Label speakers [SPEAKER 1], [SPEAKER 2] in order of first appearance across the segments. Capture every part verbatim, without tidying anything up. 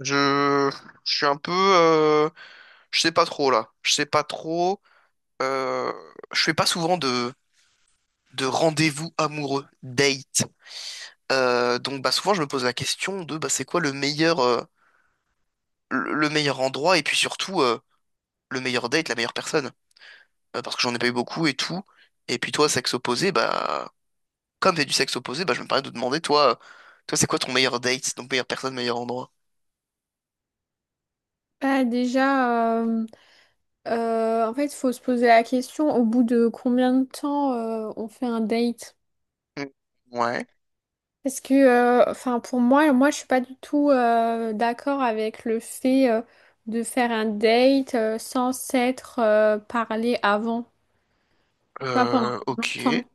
[SPEAKER 1] Je, je suis un peu, euh, je sais pas trop là. Je sais pas trop. euh, je fais pas souvent de, de rendez-vous amoureux, date. Euh, donc bah souvent je me pose la question de bah c'est quoi le meilleur, euh, le le meilleur endroit et puis surtout euh, le meilleur date, la meilleure personne. Euh, parce que j'en ai pas eu beaucoup et tout. Et puis toi sexe opposé, bah comme t'es du sexe opposé, bah je me permets de te demander toi, euh, toi c'est quoi ton meilleur date, donc meilleure personne, meilleur endroit.
[SPEAKER 2] Bah déjà, euh, euh, en fait, il faut se poser la question au bout de combien de temps euh, on fait un date?
[SPEAKER 1] Hmm. Ouais.
[SPEAKER 2] Parce que, euh, enfin, pour moi, moi, je suis pas du tout euh, d'accord avec le fait euh, de faire un date euh, sans s'être euh, parlé avant, tu vois,
[SPEAKER 1] Euh,
[SPEAKER 2] pendant
[SPEAKER 1] ok.
[SPEAKER 2] longtemps.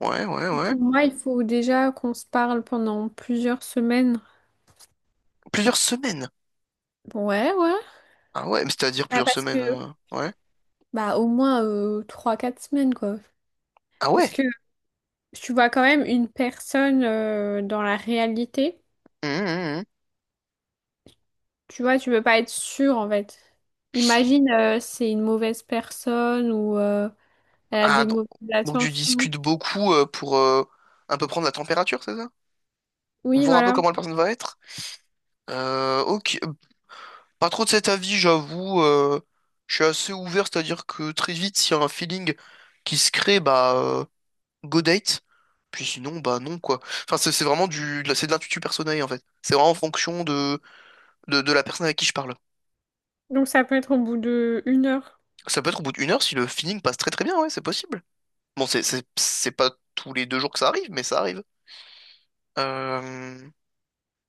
[SPEAKER 1] Ouais, ouais, ouais.
[SPEAKER 2] Pour moi, il faut déjà qu'on se parle pendant plusieurs semaines.
[SPEAKER 1] Plusieurs semaines.
[SPEAKER 2] Ouais, ouais.
[SPEAKER 1] Ah ouais, mais c'est-à-dire
[SPEAKER 2] Bah,
[SPEAKER 1] plusieurs
[SPEAKER 2] parce que...
[SPEAKER 1] semaines. euh, Ouais.
[SPEAKER 2] Bah, au moins euh, trois quatre semaines, quoi.
[SPEAKER 1] Ah
[SPEAKER 2] Parce
[SPEAKER 1] ouais.
[SPEAKER 2] que tu vois quand même une personne euh, dans la réalité.
[SPEAKER 1] Hum, hum, hum.
[SPEAKER 2] Tu vois, tu peux pas être sûr en fait. Imagine, euh, c'est une mauvaise personne ou euh, elle a
[SPEAKER 1] Ah
[SPEAKER 2] des
[SPEAKER 1] donc,
[SPEAKER 2] mauvaises
[SPEAKER 1] donc tu
[SPEAKER 2] attentions.
[SPEAKER 1] discutes beaucoup euh, pour euh, un peu prendre la température, c'est ça?
[SPEAKER 2] Oui,
[SPEAKER 1] Voir un peu
[SPEAKER 2] voilà.
[SPEAKER 1] comment la personne va être. Euh, ok, pas trop de cet avis, j'avoue. euh, je suis assez ouvert, c'est-à-dire que très vite, s'il y a un feeling qui se crée, bah euh, go date. Puis sinon, bah non quoi. Enfin, c'est c'est vraiment du, de la- c'est de l'intuition personnelle en fait. C'est vraiment en fonction de, de de la personne avec qui je parle.
[SPEAKER 2] Donc ça peut être au bout de une heure.
[SPEAKER 1] Ça peut être au bout d'une heure si le feeling passe très très bien, ouais, c'est possible. Bon, c'est c'est- c'est pas tous les deux jours que ça arrive, mais ça arrive. Euh,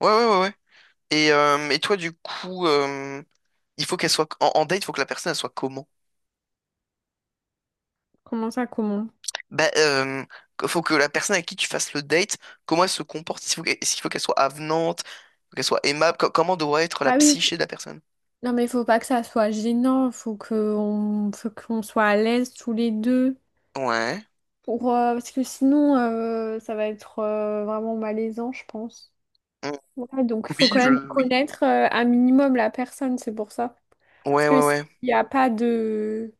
[SPEAKER 1] Ouais, ouais, ouais, ouais. Et, euh, et toi, du coup, euh, il faut qu'elle soit. En, en date, il faut que la personne, elle soit comment?
[SPEAKER 2] Comment ça, comment?
[SPEAKER 1] Bah, euh, faut que la personne à qui tu fasses le date, comment elle se comporte? Est-ce qu'il faut qu'elle est-ce qu'il faut qu'elle soit avenante? Faut qu'elle soit aimable? Co- comment doit être la
[SPEAKER 2] Ah oui, faut-
[SPEAKER 1] psyché de la personne?
[SPEAKER 2] non mais faut pas que ça soit gênant. Faut qu'on faut qu'on soit à l'aise tous les deux.
[SPEAKER 1] Ouais.
[SPEAKER 2] Pour, euh, parce que sinon, euh, ça va être euh, vraiment malaisant, je pense.
[SPEAKER 1] Mm.
[SPEAKER 2] Ouais, donc il faut
[SPEAKER 1] Oui,
[SPEAKER 2] quand
[SPEAKER 1] je...
[SPEAKER 2] même
[SPEAKER 1] oui.
[SPEAKER 2] connaître euh, un minimum la personne, c'est pour ça. Parce
[SPEAKER 1] Ouais,
[SPEAKER 2] que
[SPEAKER 1] ouais,
[SPEAKER 2] s'il
[SPEAKER 1] ouais.
[SPEAKER 2] n'y a pas de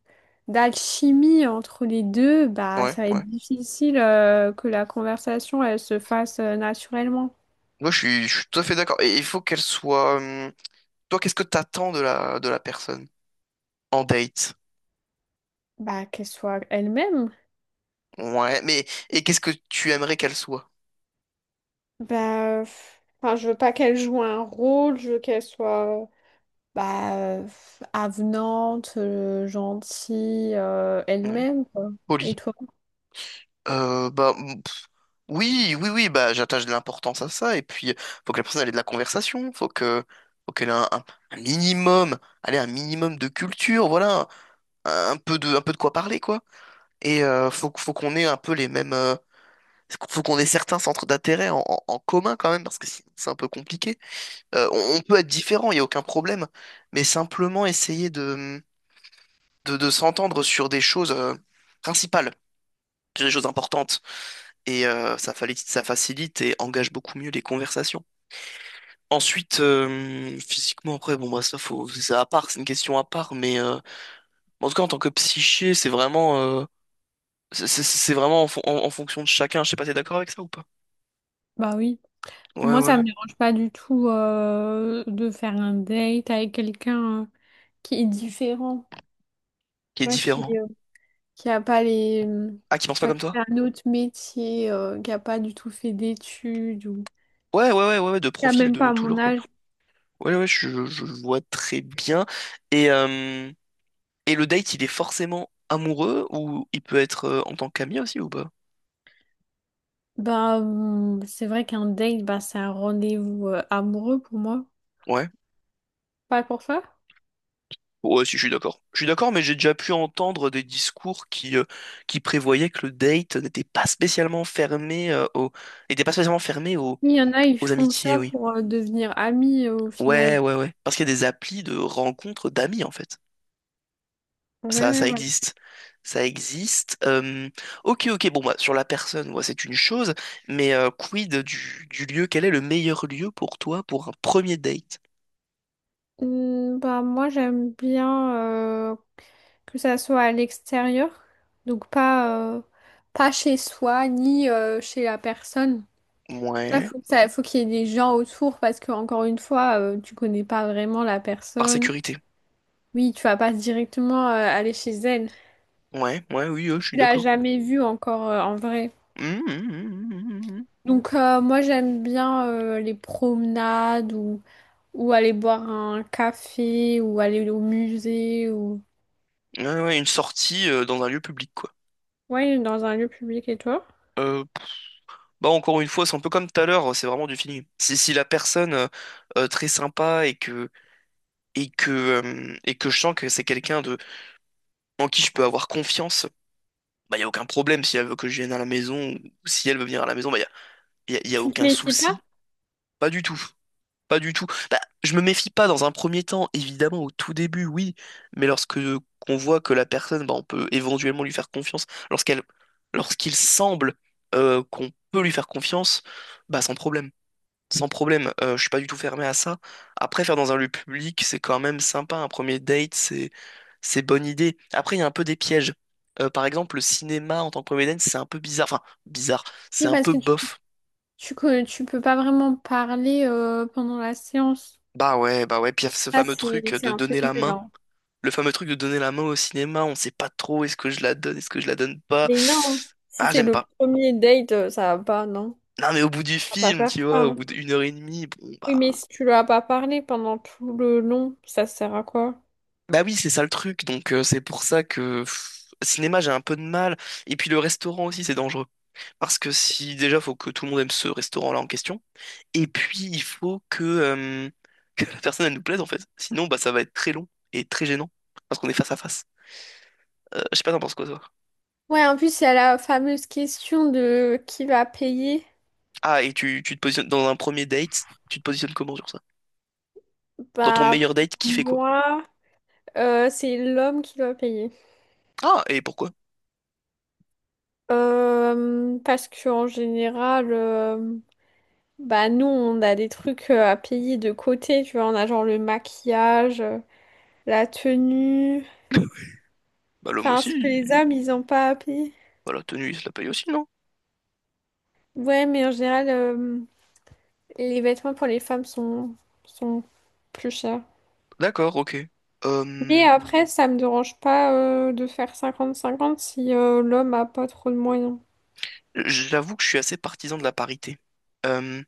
[SPEAKER 2] d'alchimie entre les deux, bah
[SPEAKER 1] Ouais,
[SPEAKER 2] ça va être
[SPEAKER 1] ouais.
[SPEAKER 2] difficile euh, que la conversation elle se fasse euh, naturellement.
[SPEAKER 1] Moi, je suis, je suis tout à fait d'accord. Et il faut qu'elle soit. euh, Toi, qu'est-ce que t'attends de la, de la personne en date?
[SPEAKER 2] Bah qu'elle soit elle-même.
[SPEAKER 1] Ouais, mais et qu'est-ce que tu aimerais qu'elle soit?
[SPEAKER 2] Bah euh, enfin, je veux pas qu'elle joue un rôle, je veux qu'elle soit euh, bah euh, avenante, euh, gentille euh,
[SPEAKER 1] Ouais.
[SPEAKER 2] elle-même quoi.
[SPEAKER 1] Polie.
[SPEAKER 2] Et toi?
[SPEAKER 1] Euh, bah m- pff, oui, oui, oui, bah j'attache de l'importance à ça. Et puis euh, faut que la personne elle ait de la conversation, faut que faut qu'elle ait un, un- un minimum, allez, un minimum de culture, voilà, un, un peu de un peu de quoi parler quoi. Et euh, faut qu- faut qu'on ait un peu les mêmes, euh, faut qu'on ait certains centres d'intérêt en, en- en commun quand même parce que sinon, c'est un peu compliqué. Euh, on, on peut être différent, il y a aucun problème, mais simplement essayer de, de s'entendre sur des choses euh, principales, sur des choses importantes. Et euh, ça, fali- ça facilite et engage beaucoup mieux les conversations. Ensuite, euh, physiquement, après, bon, bah, ça, faut, c'est à part, c'est une question à part, mais euh, en tout cas, en tant que psyché, c'est vraiment, euh, c'est c'est- c'est vraiment en, fon- en- en fonction de chacun. Je sais pas, t'es d'accord avec ça ou pas?
[SPEAKER 2] Bah oui.
[SPEAKER 1] Ouais,
[SPEAKER 2] Moi, ça
[SPEAKER 1] ouais.
[SPEAKER 2] me dérange pas du tout euh, de faire un date avec quelqu'un euh, qui est différent, tu
[SPEAKER 1] Qui est
[SPEAKER 2] vois, qui
[SPEAKER 1] différent.
[SPEAKER 2] euh, qui a pas les, hum,
[SPEAKER 1] Ah, qui pense
[SPEAKER 2] tu
[SPEAKER 1] pas
[SPEAKER 2] vois,
[SPEAKER 1] comme
[SPEAKER 2] qui fait
[SPEAKER 1] toi?
[SPEAKER 2] un autre métier, euh, qui a pas du tout fait d'études ou
[SPEAKER 1] Ouais, ouais, ouais, ouais, ouais, de
[SPEAKER 2] qui a
[SPEAKER 1] profil
[SPEAKER 2] même
[SPEAKER 1] de
[SPEAKER 2] pas
[SPEAKER 1] tout
[SPEAKER 2] mon
[SPEAKER 1] genre, quoi.
[SPEAKER 2] âge.
[SPEAKER 1] Ouais, ouais, je, je vois très bien. Et, euh, Et le date, il est forcément amoureux ou il peut être euh, en tant qu'ami aussi ou pas?
[SPEAKER 2] Bah, hum, c'est vrai qu'un date, bah, c'est un rendez-vous euh, amoureux pour moi,
[SPEAKER 1] Ouais.
[SPEAKER 2] pas pour ça.
[SPEAKER 1] Ouais, si, je suis d'accord. Je suis d'accord, mais j'ai déjà pu entendre des discours qui, euh, qui prévoyaient que le date n'était pas spécialement fermé euh, aux, n'était pas spécialement fermé aux...
[SPEAKER 2] Oui, il y en a, ils
[SPEAKER 1] aux
[SPEAKER 2] font
[SPEAKER 1] amitiés,
[SPEAKER 2] ça
[SPEAKER 1] oui.
[SPEAKER 2] pour euh, devenir amis euh, au
[SPEAKER 1] Ouais,
[SPEAKER 2] final.
[SPEAKER 1] ouais, ouais. Parce qu'il y a des applis de rencontres d'amis, en fait.
[SPEAKER 2] Ouais,
[SPEAKER 1] Ça,
[SPEAKER 2] ouais,
[SPEAKER 1] ça
[SPEAKER 2] voilà.
[SPEAKER 1] existe. Ça existe. Euh, Ok, ok, bon, bah, sur la personne, ouais, c'est une chose, mais euh, quid du, du lieu? Quel est le meilleur lieu pour toi pour un premier date?
[SPEAKER 2] Hmm, bah, moi, j'aime bien euh, que ça soit à l'extérieur, donc pas, euh, pas chez soi ni euh, chez la personne. Ça,
[SPEAKER 1] Ouais.
[SPEAKER 2] faut que ça, faut qu'il y ait des gens autour parce que, encore une fois, euh, tu connais pas vraiment la
[SPEAKER 1] Par
[SPEAKER 2] personne.
[SPEAKER 1] sécurité.
[SPEAKER 2] Oui, tu vas pas directement euh, aller chez elle.
[SPEAKER 1] Ouais, ouais, oui, euh, je suis
[SPEAKER 2] Tu l'as
[SPEAKER 1] d'accord.
[SPEAKER 2] jamais vue encore euh, en vrai.
[SPEAKER 1] Hum, hum, hum, hum,
[SPEAKER 2] Donc, euh, moi, j'aime bien euh, les promenades ou, ou aller boire un café ou aller au musée ou.
[SPEAKER 1] hum. Ouais, ouais, une sortie euh, dans un lieu public, quoi.
[SPEAKER 2] Ouais, dans un lieu public et toi?
[SPEAKER 1] Euh, bah encore une fois, c'est un peu comme tout à l'heure, c'est vraiment du feeling. Si, si la personne euh, euh, très sympa et que et que euh, et que je sens que c'est quelqu'un de en qui je peux avoir confiance, bah y a aucun problème si elle veut que je vienne à la maison ou si elle veut venir à la maison, bah y a, y a, y a
[SPEAKER 2] Tu te
[SPEAKER 1] aucun
[SPEAKER 2] méfies pas?
[SPEAKER 1] souci. Pas du tout. Pas du tout. Bah, je me méfie pas dans un premier temps, évidemment, au tout début, oui, mais lorsque qu'on voit que la personne, bah, on peut éventuellement lui faire confiance, lorsqu'elle, lorsqu'il semble euh, qu'on peut lui faire confiance, bah sans problème. Sans problème, euh, je suis pas du tout fermé à ça. Après, faire dans un lieu public, c'est quand même sympa. Un premier date, c'est c'est bonne idée. Après, il y a un peu des pièges. Euh, par exemple, le cinéma en tant que premier date, c'est un peu bizarre. Enfin, bizarre. C'est
[SPEAKER 2] Oui,
[SPEAKER 1] un
[SPEAKER 2] parce
[SPEAKER 1] peu
[SPEAKER 2] que tu,
[SPEAKER 1] bof.
[SPEAKER 2] tu, co- tu peux pas vraiment parler euh, pendant la séance.
[SPEAKER 1] Bah ouais, bah ouais. Puis il y a ce
[SPEAKER 2] Ça,
[SPEAKER 1] fameux
[SPEAKER 2] c'est,
[SPEAKER 1] truc
[SPEAKER 2] c'est
[SPEAKER 1] de
[SPEAKER 2] un peu
[SPEAKER 1] donner la
[SPEAKER 2] nul,
[SPEAKER 1] main.
[SPEAKER 2] hein.
[SPEAKER 1] Le fameux truc de donner la main au cinéma, on sait pas trop est-ce que je la donne, est-ce que je la donne pas.
[SPEAKER 2] Mais non, si
[SPEAKER 1] Ah,
[SPEAKER 2] c'est
[SPEAKER 1] j'aime
[SPEAKER 2] le
[SPEAKER 1] pas.
[SPEAKER 2] premier date, euh, ça va pas, non?
[SPEAKER 1] Non, mais au bout du
[SPEAKER 2] Ça va
[SPEAKER 1] film,
[SPEAKER 2] pas faire
[SPEAKER 1] tu
[SPEAKER 2] ça,
[SPEAKER 1] vois, au
[SPEAKER 2] hein.
[SPEAKER 1] bout d'une heure et demie, bon,
[SPEAKER 2] Oui, mais
[SPEAKER 1] bah.
[SPEAKER 2] si tu lui as pas parlé pendant tout le long, ça sert à quoi?
[SPEAKER 1] Bah oui, c'est ça le truc, donc euh, c'est pour ça que. pff, Cinéma, j'ai un peu de mal. Et puis le restaurant aussi, c'est dangereux. Parce que si déjà, faut que tout le monde aime ce restaurant-là en question. Et puis, il faut que, euh, que la personne, elle nous plaise, en fait. Sinon, bah, ça va être très long et très gênant. Parce qu'on est face à face. Euh, je sais pas, t'en penses quoi, toi?
[SPEAKER 2] Ouais, en plus, il y a la fameuse question de qui va payer.
[SPEAKER 1] Ah, et tu, tu te positionnes dans un premier date, tu te positionnes comment sur ça? Dans ton
[SPEAKER 2] Bah,
[SPEAKER 1] meilleur date,
[SPEAKER 2] pour
[SPEAKER 1] qui fait quoi?
[SPEAKER 2] moi, euh, c'est l'homme qui doit payer.
[SPEAKER 1] Ah, et pourquoi?
[SPEAKER 2] Euh, parce qu'en général, euh, Bah nous on a des trucs euh, à payer de côté, tu vois, on a genre le maquillage, euh, la tenue,
[SPEAKER 1] Bah l'homme
[SPEAKER 2] enfin
[SPEAKER 1] aussi.
[SPEAKER 2] ce que les hommes ils ont pas à payer.
[SPEAKER 1] Bah la tenue, il se la paye aussi, non?
[SPEAKER 2] Ouais mais en général euh, les vêtements pour les femmes sont, sont plus chers.
[SPEAKER 1] D'accord, ok. Euh,
[SPEAKER 2] Mais après ça me dérange pas euh, de faire cinquante cinquante si euh, l'homme a pas trop de moyens.
[SPEAKER 1] J'avoue que je suis assez partisan de la parité. Euh,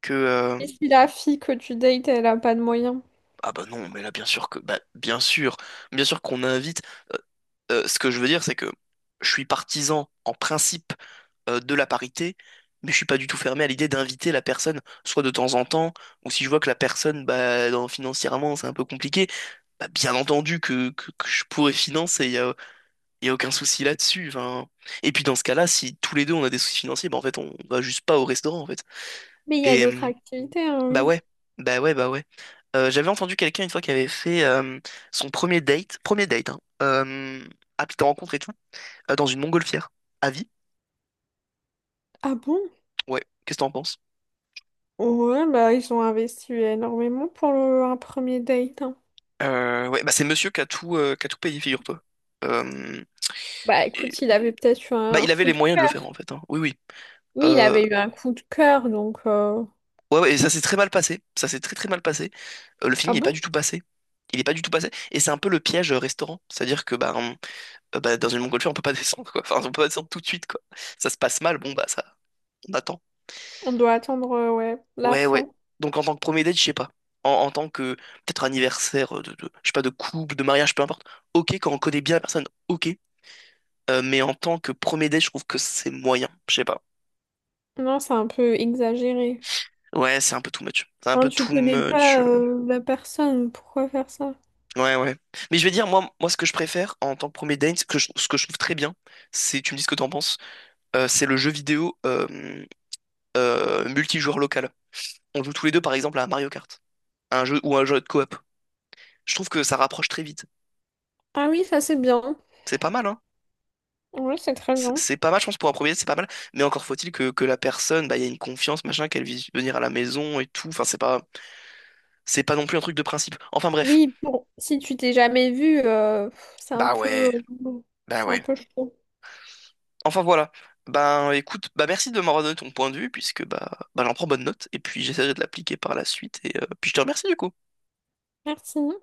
[SPEAKER 1] que euh,
[SPEAKER 2] Et si la fille que tu dates elle a pas de moyens.
[SPEAKER 1] Ah bah non, mais là bien sûr que bah bien sûr, bien sûr qu'on invite. euh, euh, ce que je veux dire, c'est que je suis partisan en principe euh, de la parité, mais je suis pas du tout fermé à l'idée d'inviter la personne, soit de temps en temps, ou si je vois que la personne, bah dans- financièrement, c'est un peu compliqué. Bah bien entendu que que, que je pourrais financer. Il n'y a aucun souci là-dessus. Enfin. Et puis dans ce cas-là, si tous les deux on a des soucis financiers, bah en fait on va juste pas au restaurant en fait.
[SPEAKER 2] Mais il y a
[SPEAKER 1] Et
[SPEAKER 2] d'autres
[SPEAKER 1] euh,
[SPEAKER 2] activités, hein,
[SPEAKER 1] bah
[SPEAKER 2] oui.
[SPEAKER 1] ouais, bah ouais, bah ouais. Euh, j'avais entendu quelqu'un une fois qui avait fait euh, son premier date, premier date, hein, euh, app de rencontre et tout, euh, dans une montgolfière. À vie?
[SPEAKER 2] Ah bon?
[SPEAKER 1] Ouais, qu'est-ce que t'en penses?
[SPEAKER 2] Ouais, bah ils ont investi énormément pour le, un premier date, hein.
[SPEAKER 1] Euh, ouais, bah c'est monsieur qui a tout, euh, qui a tout payé, figure-toi. Euh,
[SPEAKER 2] Bah
[SPEAKER 1] et-
[SPEAKER 2] écoute, il avait peut-être eu
[SPEAKER 1] Bah
[SPEAKER 2] un
[SPEAKER 1] il avait
[SPEAKER 2] coup
[SPEAKER 1] les
[SPEAKER 2] de
[SPEAKER 1] moyens de le faire
[SPEAKER 2] cœur.
[SPEAKER 1] en fait. Hein. Oui, oui.
[SPEAKER 2] Oui, il
[SPEAKER 1] Euh,
[SPEAKER 2] avait eu un coup de cœur, donc... euh,
[SPEAKER 1] Ouais, ouais, et ça s'est très mal passé. Ça s'est très très mal passé. Euh, le film
[SPEAKER 2] Ah
[SPEAKER 1] n'est pas
[SPEAKER 2] bon?
[SPEAKER 1] du tout passé. Il n'est pas du tout passé. Et c'est un peu le piège euh, restaurant. C'est-à-dire que bah, on- euh, bah, dans une montgolfière, on peut pas descendre, quoi. Enfin, on peut pas descendre tout de suite, quoi. Ça se passe mal, bon, bah ça, on attend.
[SPEAKER 2] On doit attendre, euh, ouais, la
[SPEAKER 1] Ouais, ouais.
[SPEAKER 2] fin.
[SPEAKER 1] Donc en tant que premier date, je sais pas. En, en tant que peut-être anniversaire euh, de, de- je sais pas, de couple, de mariage, peu importe. Ok, quand on connaît bien la personne, ok. Euh, mais en tant que premier date, je trouve que c'est moyen. Je sais pas.
[SPEAKER 2] Non, c'est un peu exagéré.
[SPEAKER 1] Ouais, c'est un peu too much. C'est un peu
[SPEAKER 2] Hein, tu
[SPEAKER 1] too
[SPEAKER 2] connais
[SPEAKER 1] much.
[SPEAKER 2] pas euh, la personne, pourquoi faire ça?
[SPEAKER 1] Ouais, ouais. Mais je vais dire, moi, moi, ce que je préfère en tant que premier date, ce que je, ce que je trouve très bien, c'est, tu me dis ce que t'en penses, euh, c'est le jeu vidéo euh, euh, multijoueur local. On joue tous les deux, par exemple, à Mario Kart, un jeu ou un jeu de coop. Je trouve que ça rapproche très vite.
[SPEAKER 2] Ah oui, ça c'est bien.
[SPEAKER 1] C'est pas mal, hein?
[SPEAKER 2] Oui, c'est très
[SPEAKER 1] C'est
[SPEAKER 2] bien.
[SPEAKER 1] c'est pas mal, je pense, pour un premier date, c'est pas mal. Mais encore faut-il que, que la personne, bah, il y ait une confiance, machin, qu'elle vise venir à la maison et tout. Enfin, c'est pas, c'est pas non plus un truc de principe. Enfin, bref.
[SPEAKER 2] Oui, bon, si tu t'es jamais vu, euh, pff, c'est un
[SPEAKER 1] Bah
[SPEAKER 2] peu...
[SPEAKER 1] ouais,
[SPEAKER 2] euh,
[SPEAKER 1] bah
[SPEAKER 2] C'est un
[SPEAKER 1] ouais.
[SPEAKER 2] peu chaud.
[SPEAKER 1] Enfin voilà. Ben écoute, bah merci de m'avoir donné ton point de vue puisque bah, bah j'en prends bonne note et puis j'essaierai de l'appliquer par la suite et euh, puis je te remercie du coup.
[SPEAKER 2] Merci.